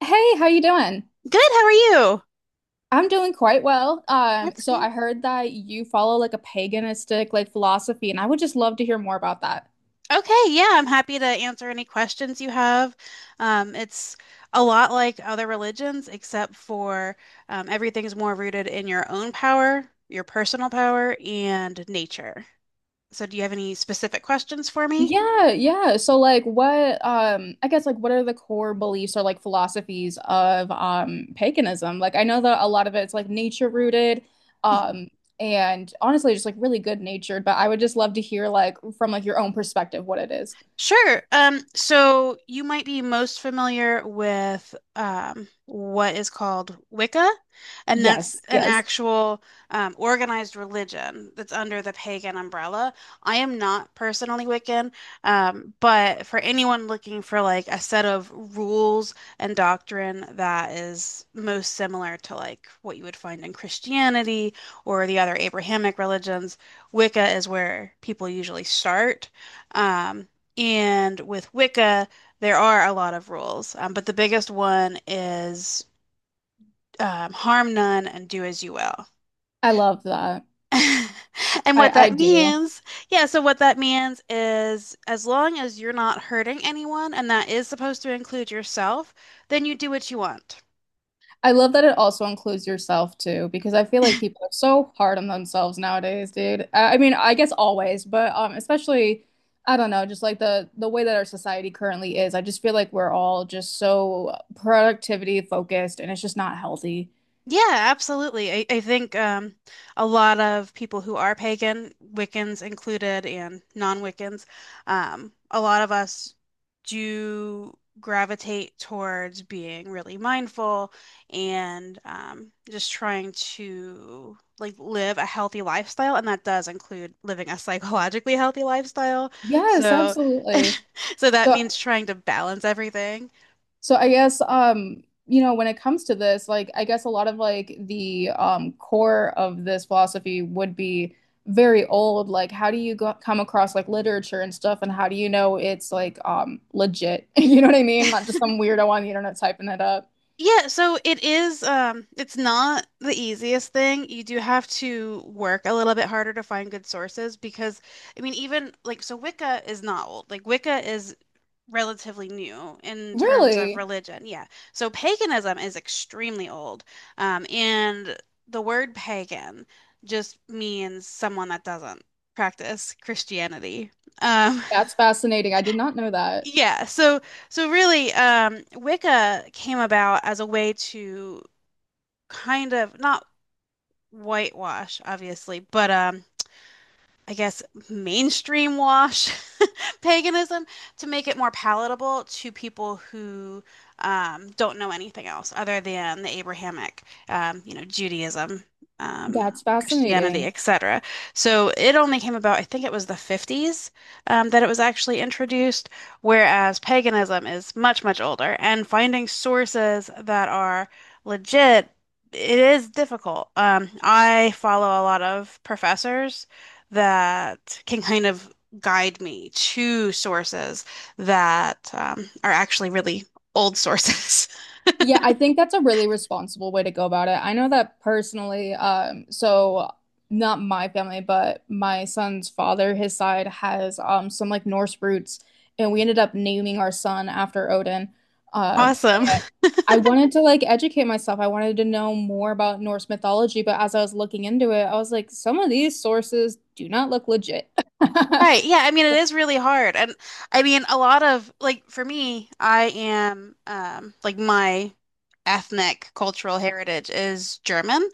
Hey, how you doing? Good, how are you? I'm doing quite well. Um, That's so good. I heard that you follow like a paganistic like philosophy, and I would just love to hear more about that. Okay, yeah, I'm happy to answer any questions you have. It's a lot like other religions, except for everything's more rooted in your own power, your personal power, and nature. So, do you have any specific questions for me? Yeah, yeah. So like what I guess like what are the core beliefs or like philosophies of paganism? Like I know that a lot of it's like nature rooted, um, and honestly just like really good natured, but I would just love to hear like from like your own perspective what it is. Sure. So you might be most familiar with what is called Wicca, and that's Yes, an yes. actual organized religion that's under the pagan umbrella. I am not personally Wiccan, but for anyone looking for like a set of rules and doctrine that is most similar to like what you would find in Christianity or the other Abrahamic religions, Wicca is where people usually start. Um, and with Wicca, there are a lot of rules, but the biggest one is harm none and do as you will. I love that. And what I that do. means, yeah, so what that means is as long as you're not hurting anyone, and that is supposed to include yourself, then you do what you want. I love that it also includes yourself too, because I feel like people are so hard on themselves nowadays, dude. I mean, I guess always, but especially, I don't know, just like the way that our society currently is. I just feel like we're all just so productivity focused, and it's just not healthy. Yeah, absolutely. I think a lot of people who are pagan, Wiccans included, and non-Wiccans, a lot of us do gravitate towards being really mindful and just trying to like live a healthy lifestyle, and that does include living a psychologically healthy lifestyle. Yes, So, absolutely. so that So means trying to balance everything. So I guess you know, when it comes to this, like I guess a lot of like the core of this philosophy would be very old. Like how do you go come across like literature and stuff and how do you know it's like legit? You know what I mean? Not just some weirdo on the internet typing it up. Yeah, so it's not the easiest thing. You do have to work a little bit harder to find good sources because I mean even like so Wicca is not old. Like Wicca is relatively new in terms of Really? religion. Yeah. So paganism is extremely old. And the word pagan just means someone that doesn't practice Christianity. Um That's fascinating. I did not know that. yeah, so really, Wicca came about as a way to kind of not whitewash, obviously, but I guess, mainstream wash paganism to make it more palatable to people who don't know anything else other than the Abrahamic, Judaism, um, That's Christianity, fascinating. etc. So it only came about, I think it was the 50s that it was actually introduced, whereas paganism is much, much older. And finding sources that are legit, it is difficult. I follow a lot of professors that can kind of guide me to sources that are actually really old sources. Yeah, I think that's a really responsible way to go about it. I know that personally, so not my family, but my son's father, his side has some like Norse roots, and we ended up naming our son after Odin. Awesome. And I wanted to like educate myself. I wanted to know more about Norse mythology, but as I was looking into it, I was like, some of these sources do not look legit. Right. Yeah. I mean, it is really hard. And I mean, a lot of like for me, I am like my ethnic cultural heritage is German.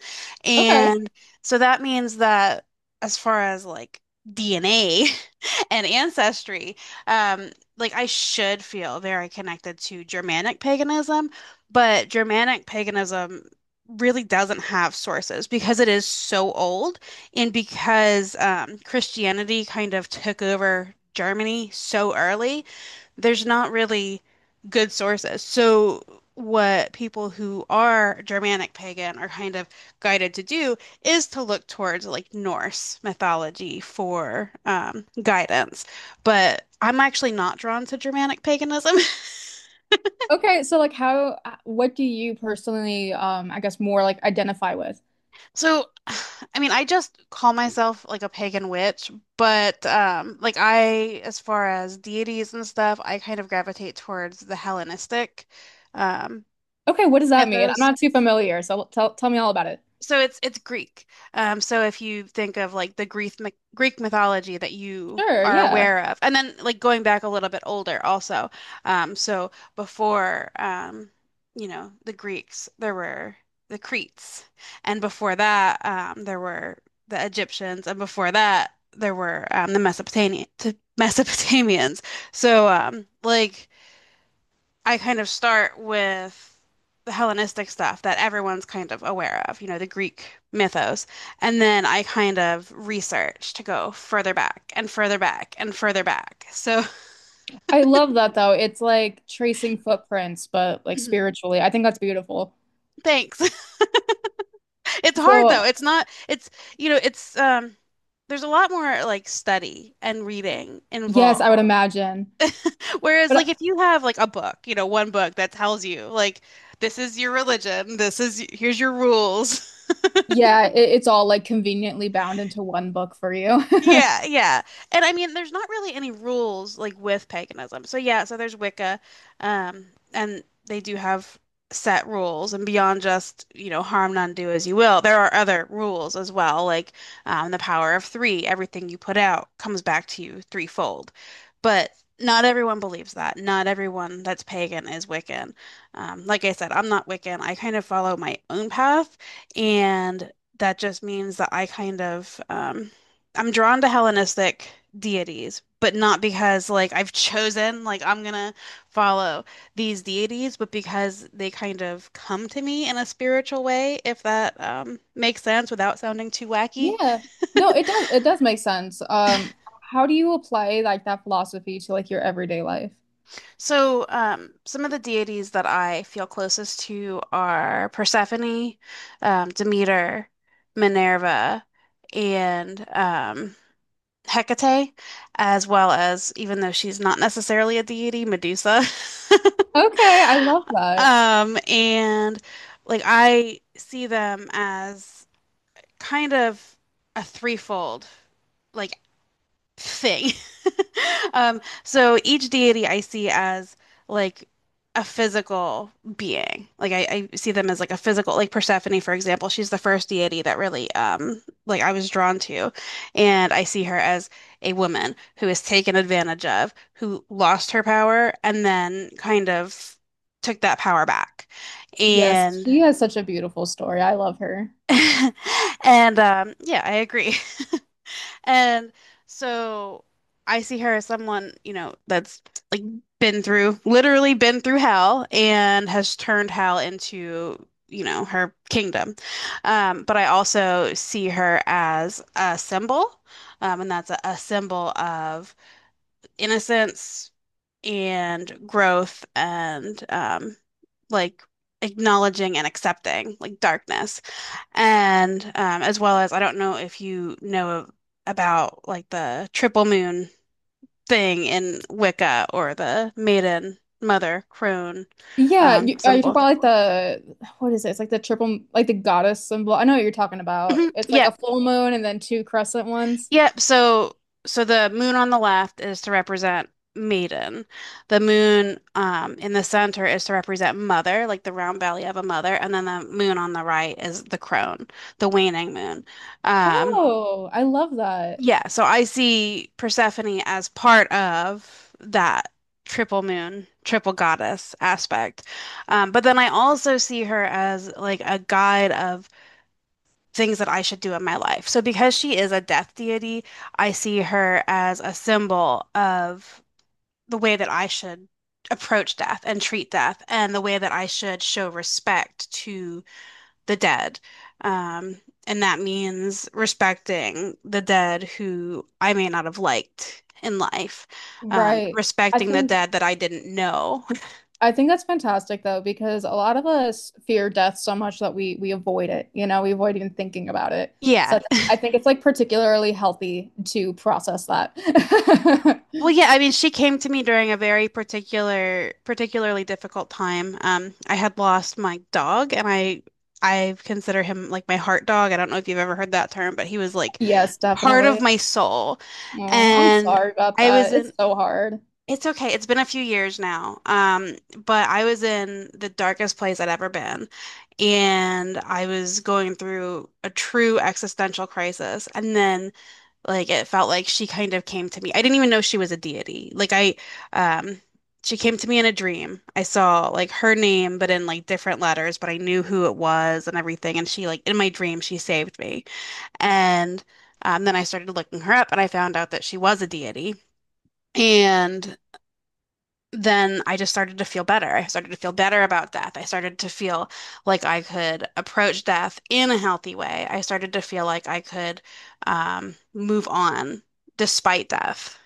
Okay. And so that means that as far as like DNA and ancestry, um like I should feel very connected to Germanic paganism, but Germanic paganism really doesn't have sources because it is so old. And because Christianity kind of took over Germany so early, there's not really good sources. So, what people who are Germanic pagan are kind of guided to do is to look towards like Norse mythology for guidance. But I'm actually not drawn to Germanic paganism. Okay, so like how what do you personally I guess more like identify with? So, I mean, I just call myself like a pagan witch, but like I as far as deities and stuff, I kind of gravitate towards the Hellenistic um Okay, what does that mean? I'm mythos, not too familiar, so tell me all about it. so it's Greek. So if you think of like the Greek mythology that you Sure, are yeah. aware of, and then like going back a little bit older also. So before the Greeks, there were the Cretes, and before that, there were the Egyptians, and before that, there were the Mesopotamian Mesopotamians. So, like, I kind of start with the Hellenistic stuff that everyone's kind of aware of, the Greek mythos. And then I kind of research to go further back and further back and further back. So I love that though. It's like tracing footprints, but like spiritually. I think that's beautiful. thanks. It's hard though. So, It's not, you know, it's, um, there's a lot more like study and reading yes, I involved. would imagine. Whereas But like if you have like a book, one book that tells you like this is your religion, this is here's your rules. yeah, it's all like conveniently bound into one book for you. Yeah, yeah. And I mean, there's not really any rules like with paganism. So yeah, so there's Wicca, um, and they do have set rules and beyond just, harm none, do as you will. There are other rules as well, like the power of three, everything you put out comes back to you threefold. But not everyone believes that. Not everyone that's pagan is Wiccan. Like I said, I'm not Wiccan. I kind of follow my own path, and that just means that I kind of I'm drawn to Hellenistic deities, but not because like I've chosen like I'm gonna follow these deities, but because they kind of come to me in a spiritual way, if that makes sense without sounding too wacky. Yeah. No, it does make sense. How do you apply like that philosophy to like your everyday life? So, some of the deities that I feel closest to are Persephone, Demeter, Minerva, and Hecate, as well as, even though she's not necessarily a deity, Medusa. Okay, I love that. And like I see them as kind of a threefold, like, thing. So each deity I see as like a physical being. Like I see them as like a physical, like Persephone, for example, she's the first deity that really like I was drawn to. And I see her as a woman who is taken advantage of, who lost her power and then kind of took that power back. Yes, And she has such a beautiful story. I love her. and yeah, I agree. And so I see her as someone, that's like been through, literally been through hell and has turned hell into, her kingdom. But I also see her as a symbol, and that's a symbol of innocence and growth and like acknowledging and accepting like darkness. And as well as, I don't know if you know about like the triple moon thing in Wicca or the maiden, mother, crone Yeah, you talking symbol. about like the what is it? It's like the triple, like the goddess symbol. I know what you're talking about. Mhm. It's like Yeah, a full moon and then two crescent ones. yeah. So the moon on the left is to represent maiden. The moon in the center is to represent mother, like the round belly of a mother, and then the moon on the right is the crone, the waning moon. Um, Oh, I love that. Yeah, so I see Persephone as part of that triple moon, triple goddess aspect. But then I also see her as like a guide of things that I should do in my life. So because she is a death deity, I see her as a symbol of the way that I should approach death and treat death and the way that I should show respect to the dead. Um, and that means respecting the dead who I may not have liked in life, Right. I respecting the think dead that I didn't know. I think that's fantastic though, because a lot of us fear death so much that we avoid it. You know, we avoid even thinking about it. So Yeah. I I think it's like particularly healthy to process that. Well, yeah, I mean, she came to me during a very particularly difficult time. I had lost my dog, and I consider him like my heart dog. I don't know if you've ever heard that term, but he was like Yes, part of definitely. my soul, Oh, I'm and sorry about I was that. It's in so hard. It's okay. It's been a few years now. But I was in the darkest place I'd ever been. And I was going through a true existential crisis. And then, like, it felt like she kind of came to me. I didn't even know she was a deity. Um, she came to me in a dream. I saw, like, her name, but in, like, different letters, but I knew who it was and everything. And she, like, in my dream, she saved me. And then I started looking her up and I found out that she was a deity. And then I just started to feel better. I started to feel better about death. I started to feel like I could approach death in a healthy way. I started to feel like I could move on despite death.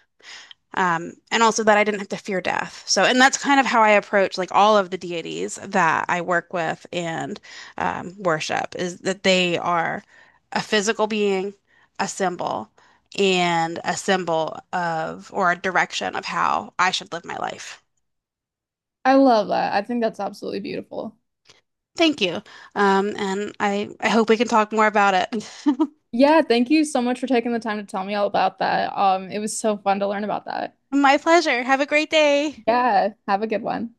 And also that I didn't have to fear death. So, and that's kind of how I approach like all of the deities that I work with and worship is that they are a physical being, a symbol, and a symbol of or a direction of how I should live my life. I love that. I think that's absolutely beautiful. Thank you. And I hope we can talk more about it. Yeah, thank you so much for taking the time to tell me all about that. It was so fun to learn about that. My pleasure. Have a great day. Yeah, have a good one.